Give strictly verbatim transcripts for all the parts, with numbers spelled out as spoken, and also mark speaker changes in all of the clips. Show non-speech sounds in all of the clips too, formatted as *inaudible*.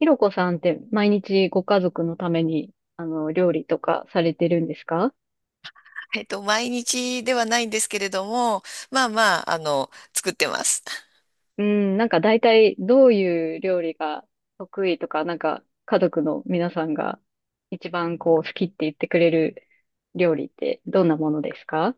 Speaker 1: ひろこさんって毎日ご家族のために、あの、料理とかされてるんですか？
Speaker 2: えっと、毎日ではないんですけれども、まあまあ、あの、作ってます。
Speaker 1: うん、なんか大体どういう料理が得意とか、なんか家族の皆さんが一番こう好きって言ってくれる料理ってどんなものですか？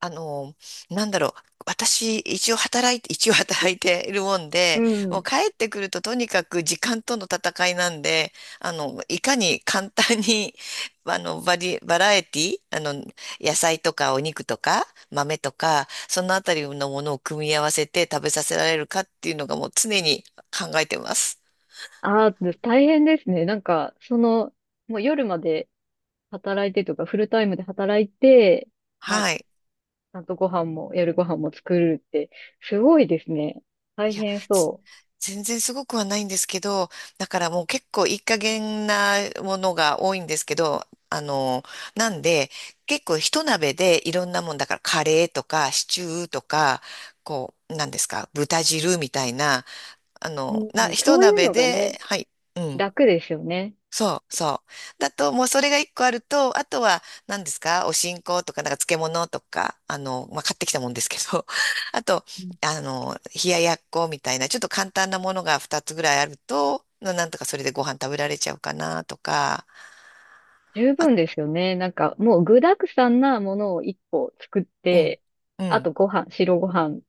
Speaker 2: あの、なんだろう。私、一応働いて、一応働いているもん
Speaker 1: う
Speaker 2: で、もう
Speaker 1: ん。
Speaker 2: 帰ってくるととにかく時間との戦いなんで、あの、いかに簡単に、*laughs* あの、バリ、バラエティ、あの、野菜とかお肉とか豆とか、そのあたりのものを組み合わせて食べさせられるかっていうのがもう常に考えてます。
Speaker 1: ああ、大変ですね。なんか、その、もう夜まで働いてとか、フルタイムで働いて、ま、ち
Speaker 2: はい。
Speaker 1: ゃんとご飯も、夜ご飯も作るって、すごいですね。大
Speaker 2: いや、
Speaker 1: 変
Speaker 2: つ
Speaker 1: そう。
Speaker 2: 全然すごくはないんですけど、だからもう結構いい加減なものが多いんですけど、あの、なんで、結構一鍋でいろんなもんだからカレーとかシチューとか、こう、なんですか、豚汁みたいな、あ
Speaker 1: う
Speaker 2: の、
Speaker 1: ん、
Speaker 2: な、一
Speaker 1: そういう
Speaker 2: 鍋
Speaker 1: のがね、
Speaker 2: で、はい、うん。
Speaker 1: 楽ですよね。
Speaker 2: そう、そう。だと、もうそれが一個あると、あとは、何ですかお新香とか、なんか漬物とか、あの、まあ、買ってきたもんですけど、*laughs* あと、
Speaker 1: うん、
Speaker 2: あの、冷ややっこみたいな、ちょっと簡単なものが二つぐらいあると、ななんとかそれでご飯食べられちゃうかなとか、
Speaker 1: 十分ですよね。なんか、もう具沢山なものを一個作っ
Speaker 2: うん、
Speaker 1: て、
Speaker 2: う
Speaker 1: あ
Speaker 2: ん、
Speaker 1: とご飯、白ご飯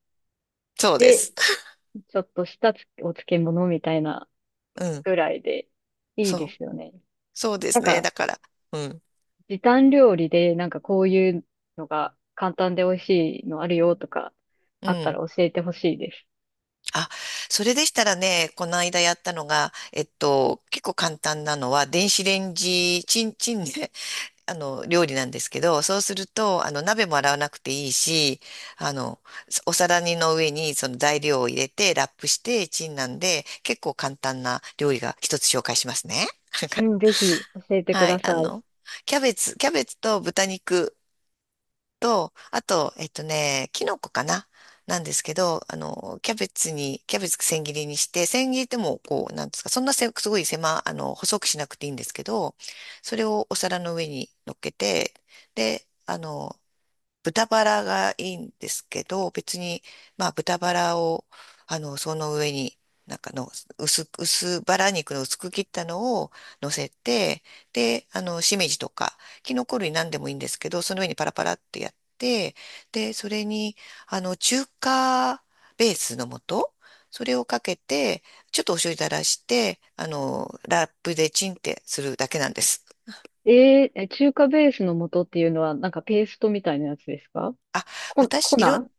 Speaker 2: そうで
Speaker 1: で、
Speaker 2: す。*laughs*
Speaker 1: ちょっとしたつお漬物みたいな
Speaker 2: うん、
Speaker 1: ぐらいで、いいで
Speaker 2: そ
Speaker 1: す
Speaker 2: う、
Speaker 1: よね。
Speaker 2: そうで
Speaker 1: な
Speaker 2: す
Speaker 1: ん
Speaker 2: ね。
Speaker 1: か、
Speaker 2: だから、うん、
Speaker 1: 時短料理で、なんかこういうのが簡単で美味しいのあるよとか、
Speaker 2: う
Speaker 1: あった
Speaker 2: ん。
Speaker 1: ら教えてほしいです。
Speaker 2: あ、それでしたらね、この間やったのが、えっと、結構簡単なのは、電子レンジ、チンチンね、あの、料理なんですけど、そうすると、あの、鍋も洗わなくていいし、あの、お皿にの上にその材料を入れて、ラップして、チンなんで、結構簡単な料理が一つ紹介しますね。
Speaker 1: うん、ぜひ
Speaker 2: *laughs*
Speaker 1: 教えてく
Speaker 2: は
Speaker 1: だ
Speaker 2: い、あ
Speaker 1: さい。
Speaker 2: の、キャベツ、キャベツと豚肉と、あと、えっとね、キノコかななんですけど、あの、キャベツに、キャベツ千切りにして、千切りってもう、こう、なんですか、そんなせ、すごい狭、あの、細くしなくていいんですけど、それをお皿の上に乗っけて、で、あの、豚バラがいいんですけど、別に、まあ、豚バラを、あの、その上に、なんかの、薄く、薄バラ肉の薄く切ったのを乗せて、で、あの、しめじとか、キノコ類なんでもいいんですけど、その上にパラパラってやって、で、それに、あの、中華ベースの素、それをかけて、ちょっとお醤油垂らして、あの、ラップでチンってするだけなんです。
Speaker 1: えー、え中華ベースの素っていうのは、なんかペーストみたいなやつですか？
Speaker 2: あ、
Speaker 1: コ、
Speaker 2: 私、
Speaker 1: コ
Speaker 2: いろ、
Speaker 1: ナー。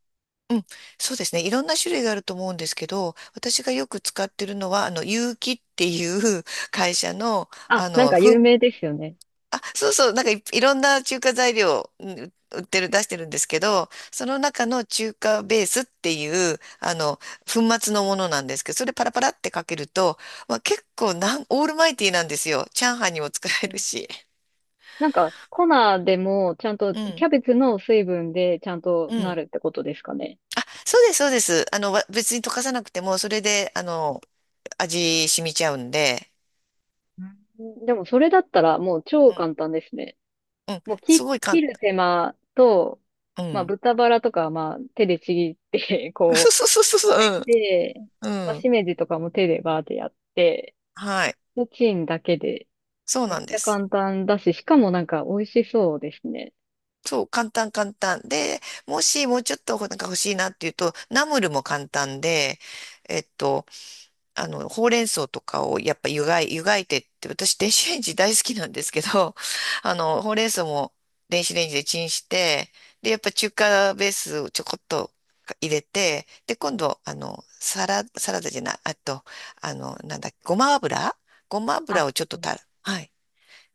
Speaker 2: うん、そうですね。いろんな種類があると思うんですけど、私がよく使ってるのは、あの、有機っていう *laughs* 会社の、
Speaker 1: あ、
Speaker 2: あ
Speaker 1: なん
Speaker 2: の、
Speaker 1: か有
Speaker 2: ふ
Speaker 1: 名ですよね。
Speaker 2: あ、そうそう、なんかい、いろんな中華材料、うん売ってる、出してるんですけど、その中の中華ベースっていう、あの、粉末のものなんですけど、それパラパラってかけると、まあ、結構なん、オールマイティーなんですよ。チャーハンにも使え
Speaker 1: う
Speaker 2: る
Speaker 1: ん。
Speaker 2: し。
Speaker 1: なんか、コナーでも、ちゃんと、
Speaker 2: う
Speaker 1: キ
Speaker 2: ん。
Speaker 1: ャベツの水分でちゃんと
Speaker 2: う
Speaker 1: な
Speaker 2: ん。
Speaker 1: るってことですかね。
Speaker 2: そうです、そうです。あの、わ別に溶かさなくても、それで、あの、味染みちゃうんで。
Speaker 1: うん。でも、それだったら、もう超簡単ですね。
Speaker 2: うん。
Speaker 1: もう
Speaker 2: す
Speaker 1: 切、
Speaker 2: ごい
Speaker 1: 切
Speaker 2: 簡
Speaker 1: る手間と、
Speaker 2: 単。う
Speaker 1: まあ、
Speaker 2: ん。
Speaker 1: 豚バラとかは、まあ、手でちぎって *laughs*
Speaker 2: *laughs* そう
Speaker 1: こう、
Speaker 2: そうそう
Speaker 1: 置い
Speaker 2: そう。
Speaker 1: て、
Speaker 2: うん。
Speaker 1: まあ、
Speaker 2: うん。
Speaker 1: しめじとかも手でバーってやって、
Speaker 2: はい。
Speaker 1: チンだけで、
Speaker 2: そう
Speaker 1: め
Speaker 2: な
Speaker 1: っ
Speaker 2: ん
Speaker 1: ち
Speaker 2: で
Speaker 1: ゃ
Speaker 2: す。
Speaker 1: 簡単だし、しかもなんか、美味しそうですね。
Speaker 2: そう、簡単簡単。で、もしもうちょっとなんか欲しいなっていうと、ナムルも簡単で、えっと、あの、ほうれん草とかをやっぱ湯がい、湯がいてって、私電子レンジ大好きなんですけど、*laughs* あの、ほうれん草も電子レンジでチンして、で、やっぱ中華ベースをちょこっと入れて、で、今度、あの、サラ、サラダじゃない、あと、あの、なんだっけ、ごま油ごま
Speaker 1: あ、
Speaker 2: 油をちょっとたら、はい、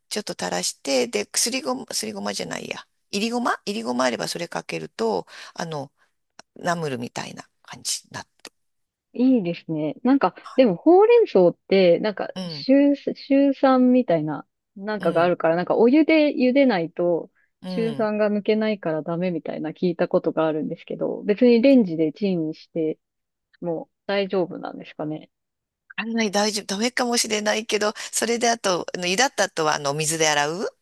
Speaker 2: ちょっと垂らして、で、すりごま、すりごまじゃないや、いりごまいりごまあればそれかけると、あの、ナムルみたいな感じになって。
Speaker 1: いいですね。なんか、でも、ほうれん草って、なんか、
Speaker 2: うん、
Speaker 1: シュ酸みたいな、なん
Speaker 2: う
Speaker 1: かがあ
Speaker 2: ん、
Speaker 1: るから、なんか、お湯で茹でないと、
Speaker 2: う
Speaker 1: シュ
Speaker 2: ん。
Speaker 1: 酸が抜けないからダメみたいな聞いたことがあるんですけど、別にレンジでチンして、もう大丈夫なんですかね。
Speaker 2: あんまり大丈夫、ダメかもしれないけど、それであと、あの湯だった後は、あの、お水で洗う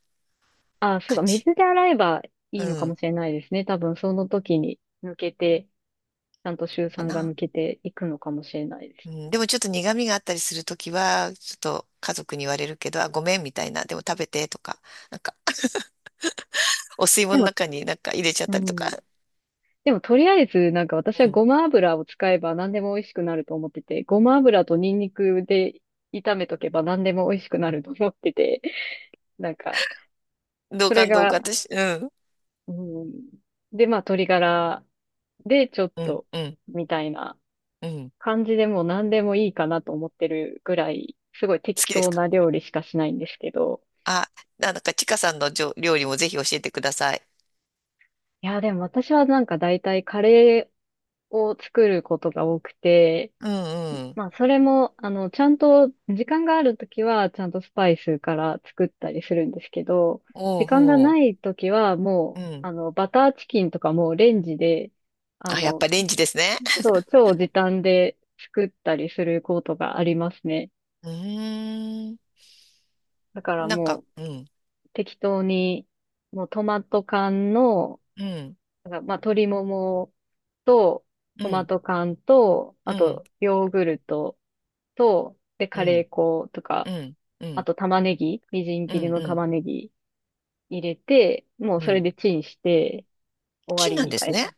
Speaker 1: あ、そう
Speaker 2: 感
Speaker 1: か、
Speaker 2: じ。
Speaker 1: 水で洗えばい
Speaker 2: う
Speaker 1: いのかも
Speaker 2: ん、
Speaker 1: しれないですね。多分、その時に抜けて、ちゃんとシュ
Speaker 2: か
Speaker 1: 酸が
Speaker 2: な。
Speaker 1: 抜けていくのかもしれないで
Speaker 2: う
Speaker 1: す。
Speaker 2: ん、でもちょっと苦味があったりするときは、ちょっと家族に言われるけど、あ、ごめんみたいな、でも食べてとか、なんか、お吸い
Speaker 1: で
Speaker 2: 物の
Speaker 1: も、
Speaker 2: 中になんか入れちゃっ
Speaker 1: う
Speaker 2: たりとか、
Speaker 1: ん。でもとりあえず、なんか私は
Speaker 2: うん、
Speaker 1: ごま油を使えば何でも美味しくなると思ってて、ごま油とニンニクで炒めとけば何でも美味しくなると思ってて、なんか、
Speaker 2: 同
Speaker 1: それ
Speaker 2: 感同
Speaker 1: が、
Speaker 2: 感私、うん、
Speaker 1: うん、で、まあ鶏ガラでちょっ
Speaker 2: うん、
Speaker 1: と、
Speaker 2: うん、
Speaker 1: みたいな
Speaker 2: うん、
Speaker 1: 感じでもう何でもいいかなと思ってるぐらい、すごい
Speaker 2: 好
Speaker 1: 適
Speaker 2: きです
Speaker 1: 当
Speaker 2: か？
Speaker 1: な料理しかしないんですけど、
Speaker 2: あ、なんか、ちかさんのじょ料理もぜひ教えてください。
Speaker 1: いや、でも私はなんか大体カレーを作ることが多くて、
Speaker 2: うん、うん、
Speaker 1: まあ、それも、あの、ちゃんと、時間があるときは、ちゃんとスパイスから作ったりするんですけど、
Speaker 2: お
Speaker 1: 時
Speaker 2: う
Speaker 1: 間が
Speaker 2: ほ
Speaker 1: ないときは、
Speaker 2: う、う
Speaker 1: もう、
Speaker 2: ん。
Speaker 1: あの、バターチキンとかもうレンジで、あ
Speaker 2: あ、やっ
Speaker 1: の、
Speaker 2: ぱレンジですね。
Speaker 1: そう、超時短で作ったりすることがありますね。
Speaker 2: うーん、
Speaker 1: だから
Speaker 2: なん
Speaker 1: も
Speaker 2: か、う
Speaker 1: う、
Speaker 2: ん。
Speaker 1: 適当に、もうトマト缶の、
Speaker 2: うん、
Speaker 1: なんかまあ、鶏ももと、
Speaker 2: う
Speaker 1: トマ
Speaker 2: ん、
Speaker 1: ト缶と、
Speaker 2: う
Speaker 1: あ
Speaker 2: ん、
Speaker 1: と、ヨーグルトと、で、
Speaker 2: う
Speaker 1: カレ
Speaker 2: ん、
Speaker 1: ー粉とか、
Speaker 2: うん、うん、う
Speaker 1: あ
Speaker 2: ん、
Speaker 1: と玉ねぎ、みじん
Speaker 2: う
Speaker 1: 切りの
Speaker 2: ん、
Speaker 1: 玉ねぎ入れて、もう
Speaker 2: う
Speaker 1: それ
Speaker 2: ん。
Speaker 1: でチンして終わ
Speaker 2: チン
Speaker 1: り
Speaker 2: なん
Speaker 1: み
Speaker 2: で
Speaker 1: た
Speaker 2: す
Speaker 1: い
Speaker 2: ね。
Speaker 1: な。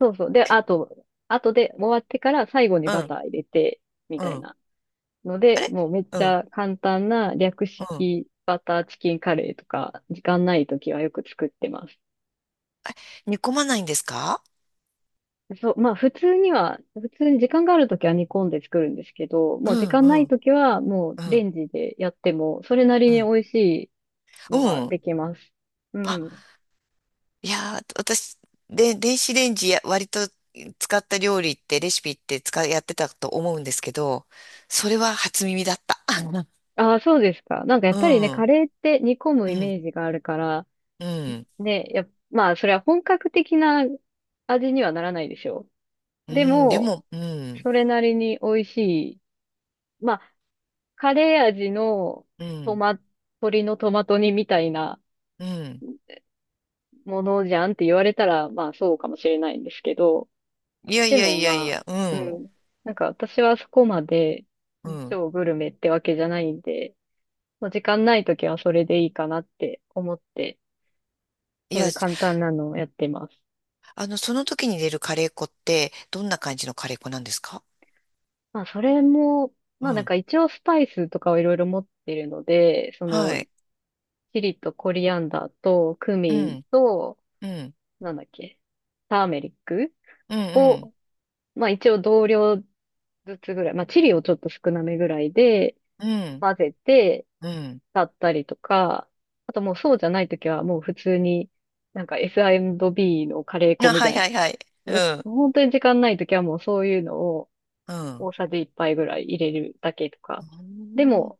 Speaker 1: そうそう。で、あと、あとで終わってから最後に
Speaker 2: う
Speaker 1: バ
Speaker 2: ん、
Speaker 1: ター入れて、み
Speaker 2: う
Speaker 1: たい
Speaker 2: ん。
Speaker 1: な。の
Speaker 2: あ
Speaker 1: で、
Speaker 2: れ
Speaker 1: もうめっ
Speaker 2: う
Speaker 1: ち
Speaker 2: ん、
Speaker 1: ゃ簡単な略
Speaker 2: うん。
Speaker 1: 式バターチキンカレーとか、時間ないときはよく作ってます。
Speaker 2: 煮込まないんですか？
Speaker 1: そう、まあ普通には、普通に時間があるときは煮込んで作るんですけど、
Speaker 2: う
Speaker 1: もう時
Speaker 2: ん、
Speaker 1: 間
Speaker 2: う
Speaker 1: ない
Speaker 2: ん、
Speaker 1: ときはもう
Speaker 2: う
Speaker 1: レ
Speaker 2: ん、
Speaker 1: ンジでやっても、それなり
Speaker 2: う
Speaker 1: に
Speaker 2: ん、
Speaker 1: 美味しい
Speaker 2: う
Speaker 1: のが
Speaker 2: ん。
Speaker 1: できます。う
Speaker 2: あ、
Speaker 1: ん。
Speaker 2: いやー、私、で、電子レンジや割と使った料理って、レシピって使い、やってたと思うんですけど、それは初耳だった。*laughs*
Speaker 1: ああ、そうですか。なんかやっ
Speaker 2: う
Speaker 1: ぱりね、
Speaker 2: ん、う
Speaker 1: カ
Speaker 2: ん、
Speaker 1: レーって煮込むイメージがあるから、
Speaker 2: うん、
Speaker 1: ね、やっ、まあ、それは本格的な味にはならないでしょ
Speaker 2: う
Speaker 1: う。で
Speaker 2: ん、で
Speaker 1: も、
Speaker 2: も、うん、
Speaker 1: それなりに美味しい。まあ、カレー味の
Speaker 2: う
Speaker 1: ト
Speaker 2: ん、
Speaker 1: マ、鶏のトマト煮みたいな
Speaker 2: うん。
Speaker 1: ものじゃんって言われたら、まあ、そうかもしれないんですけど、
Speaker 2: いやい
Speaker 1: で
Speaker 2: や
Speaker 1: も
Speaker 2: いやい
Speaker 1: まあ、
Speaker 2: や、う
Speaker 1: う
Speaker 2: ん、
Speaker 1: ん。なんか私はそこまで
Speaker 2: うん。
Speaker 1: 超グルメってわけじゃないんで、もう時間ないときはそれでいいかなって思って
Speaker 2: い
Speaker 1: そうい
Speaker 2: や、
Speaker 1: う簡単なのをやってます。
Speaker 2: あの、その時に出るカレー粉って、どんな感じのカレー粉なんですか？
Speaker 1: まあ、それも、
Speaker 2: う
Speaker 1: まあなん
Speaker 2: ん。
Speaker 1: か一応スパイスとかをいろいろ持ってるので、そ
Speaker 2: は
Speaker 1: の、
Speaker 2: い。
Speaker 1: チリとコリアンダーとク
Speaker 2: う
Speaker 1: ミン
Speaker 2: ん。
Speaker 1: と、
Speaker 2: うん。
Speaker 1: なんだっけ、ターメリック
Speaker 2: うん。
Speaker 1: を、まあ一応同量ずつぐらい、まあチリをちょっと少なめぐらいで
Speaker 2: うん。うん。
Speaker 1: 混ぜて、だったりとか、あともうそうじゃないときはもう普通に、なんか エスアンドビー のカレー粉
Speaker 2: あ、
Speaker 1: み
Speaker 2: はい
Speaker 1: たいな、
Speaker 2: はいはい。う
Speaker 1: う
Speaker 2: ん。
Speaker 1: 本当に時間ないときはもうそういうのを、
Speaker 2: うん。
Speaker 1: 大さじいっぱいぐらい入れるだけとか。
Speaker 2: う
Speaker 1: で
Speaker 2: ん
Speaker 1: も、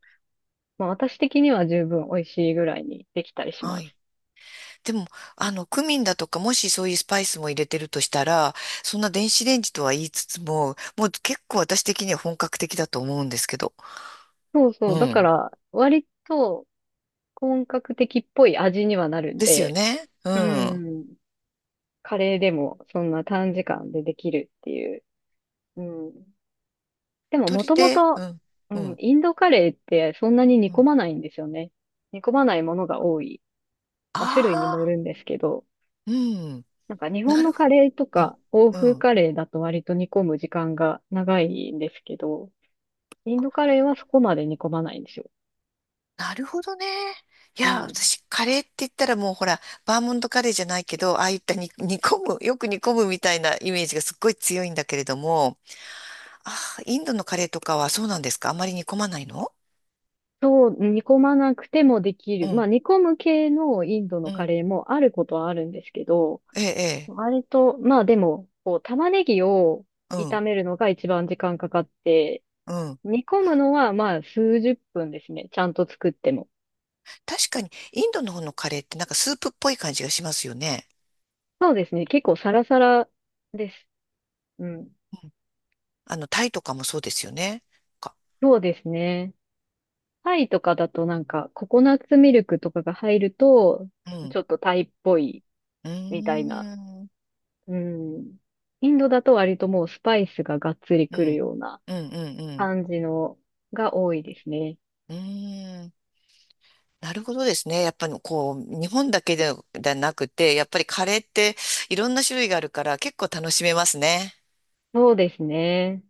Speaker 1: まあ私的には十分美味しいぐらいにできたりし
Speaker 2: は
Speaker 1: ま
Speaker 2: い。
Speaker 1: す。
Speaker 2: でも、あの、クミンだとか、もしそういうスパイスも入れてるとしたら、そんな電子レンジとは言いつつも、もう結構私的には本格的だと思うんですけど。
Speaker 1: そう
Speaker 2: う
Speaker 1: そう。だか
Speaker 2: ん。
Speaker 1: ら、割と本格的っぽい味にはなるん
Speaker 2: ですよ
Speaker 1: で、
Speaker 2: ね。う
Speaker 1: う
Speaker 2: ん。
Speaker 1: ん。カレーでもそんな短時間でできるっていう。うん。でもも
Speaker 2: 鶏
Speaker 1: とも
Speaker 2: で、
Speaker 1: と、
Speaker 2: うん。
Speaker 1: う
Speaker 2: う
Speaker 1: ん、
Speaker 2: ん。
Speaker 1: インドカレーってそんなに煮
Speaker 2: う
Speaker 1: 込
Speaker 2: ん。
Speaker 1: まないんですよね。煮込まないものが多い。まあ種類にも
Speaker 2: あ
Speaker 1: よ
Speaker 2: あ、
Speaker 1: るんですけど。
Speaker 2: うん。
Speaker 1: なんか日本
Speaker 2: な
Speaker 1: の
Speaker 2: るほ
Speaker 1: カレーと
Speaker 2: ど。
Speaker 1: か欧
Speaker 2: う
Speaker 1: 風
Speaker 2: ん。
Speaker 1: カレーだと割と煮込む時間が長いんですけど、インドカレーはそこまで煮込まないんですよ。
Speaker 2: なるほどね。い
Speaker 1: う
Speaker 2: や、
Speaker 1: ん。
Speaker 2: 私、カレーって言ったらもうほら、バーモントカレーじゃないけど、ああいったに *laughs* 煮込む、よく煮込むみたいなイメージがすっごい強いんだけれども、ああ、インドのカレーとかはそうなんですか？あまり煮込まないの？
Speaker 1: そう、煮込まなくてもでき
Speaker 2: う
Speaker 1: る。まあ
Speaker 2: ん、
Speaker 1: 煮込む系のインドの
Speaker 2: う
Speaker 1: カ
Speaker 2: ん、
Speaker 1: レーもあることはあるんですけど、
Speaker 2: ええ、え
Speaker 1: 割と、まあでも、こう玉ねぎを
Speaker 2: え、う
Speaker 1: 炒
Speaker 2: ん、
Speaker 1: めるのが一番時間かかって、
Speaker 2: うん。
Speaker 1: 煮込むのはまあすうじゅっぷんですね。ちゃんと作っても。
Speaker 2: 確かに、インドの方のカレーってなんかスープっぽい感じがしますよね。
Speaker 1: そうですね。結構サラサラです。うん。
Speaker 2: うんあの、タイとかもそうですよね。か、
Speaker 1: そうですね。タイとかだとなんか、ココナッツミルクとかが入ると、
Speaker 2: うん、
Speaker 1: ちょっとタイっぽい
Speaker 2: うー
Speaker 1: みたいな。
Speaker 2: ん、
Speaker 1: うん。インドだと割ともうスパイスががっつり
Speaker 2: う
Speaker 1: くる
Speaker 2: ん、
Speaker 1: ような
Speaker 2: うん、うん、うん、
Speaker 1: 感じのが多いですね。
Speaker 2: うーん。なるほどですね。やっぱりこう、日本だけで、ではなくて、やっぱりカレーっていろんな種類があるから結構楽しめますね。
Speaker 1: そうですね。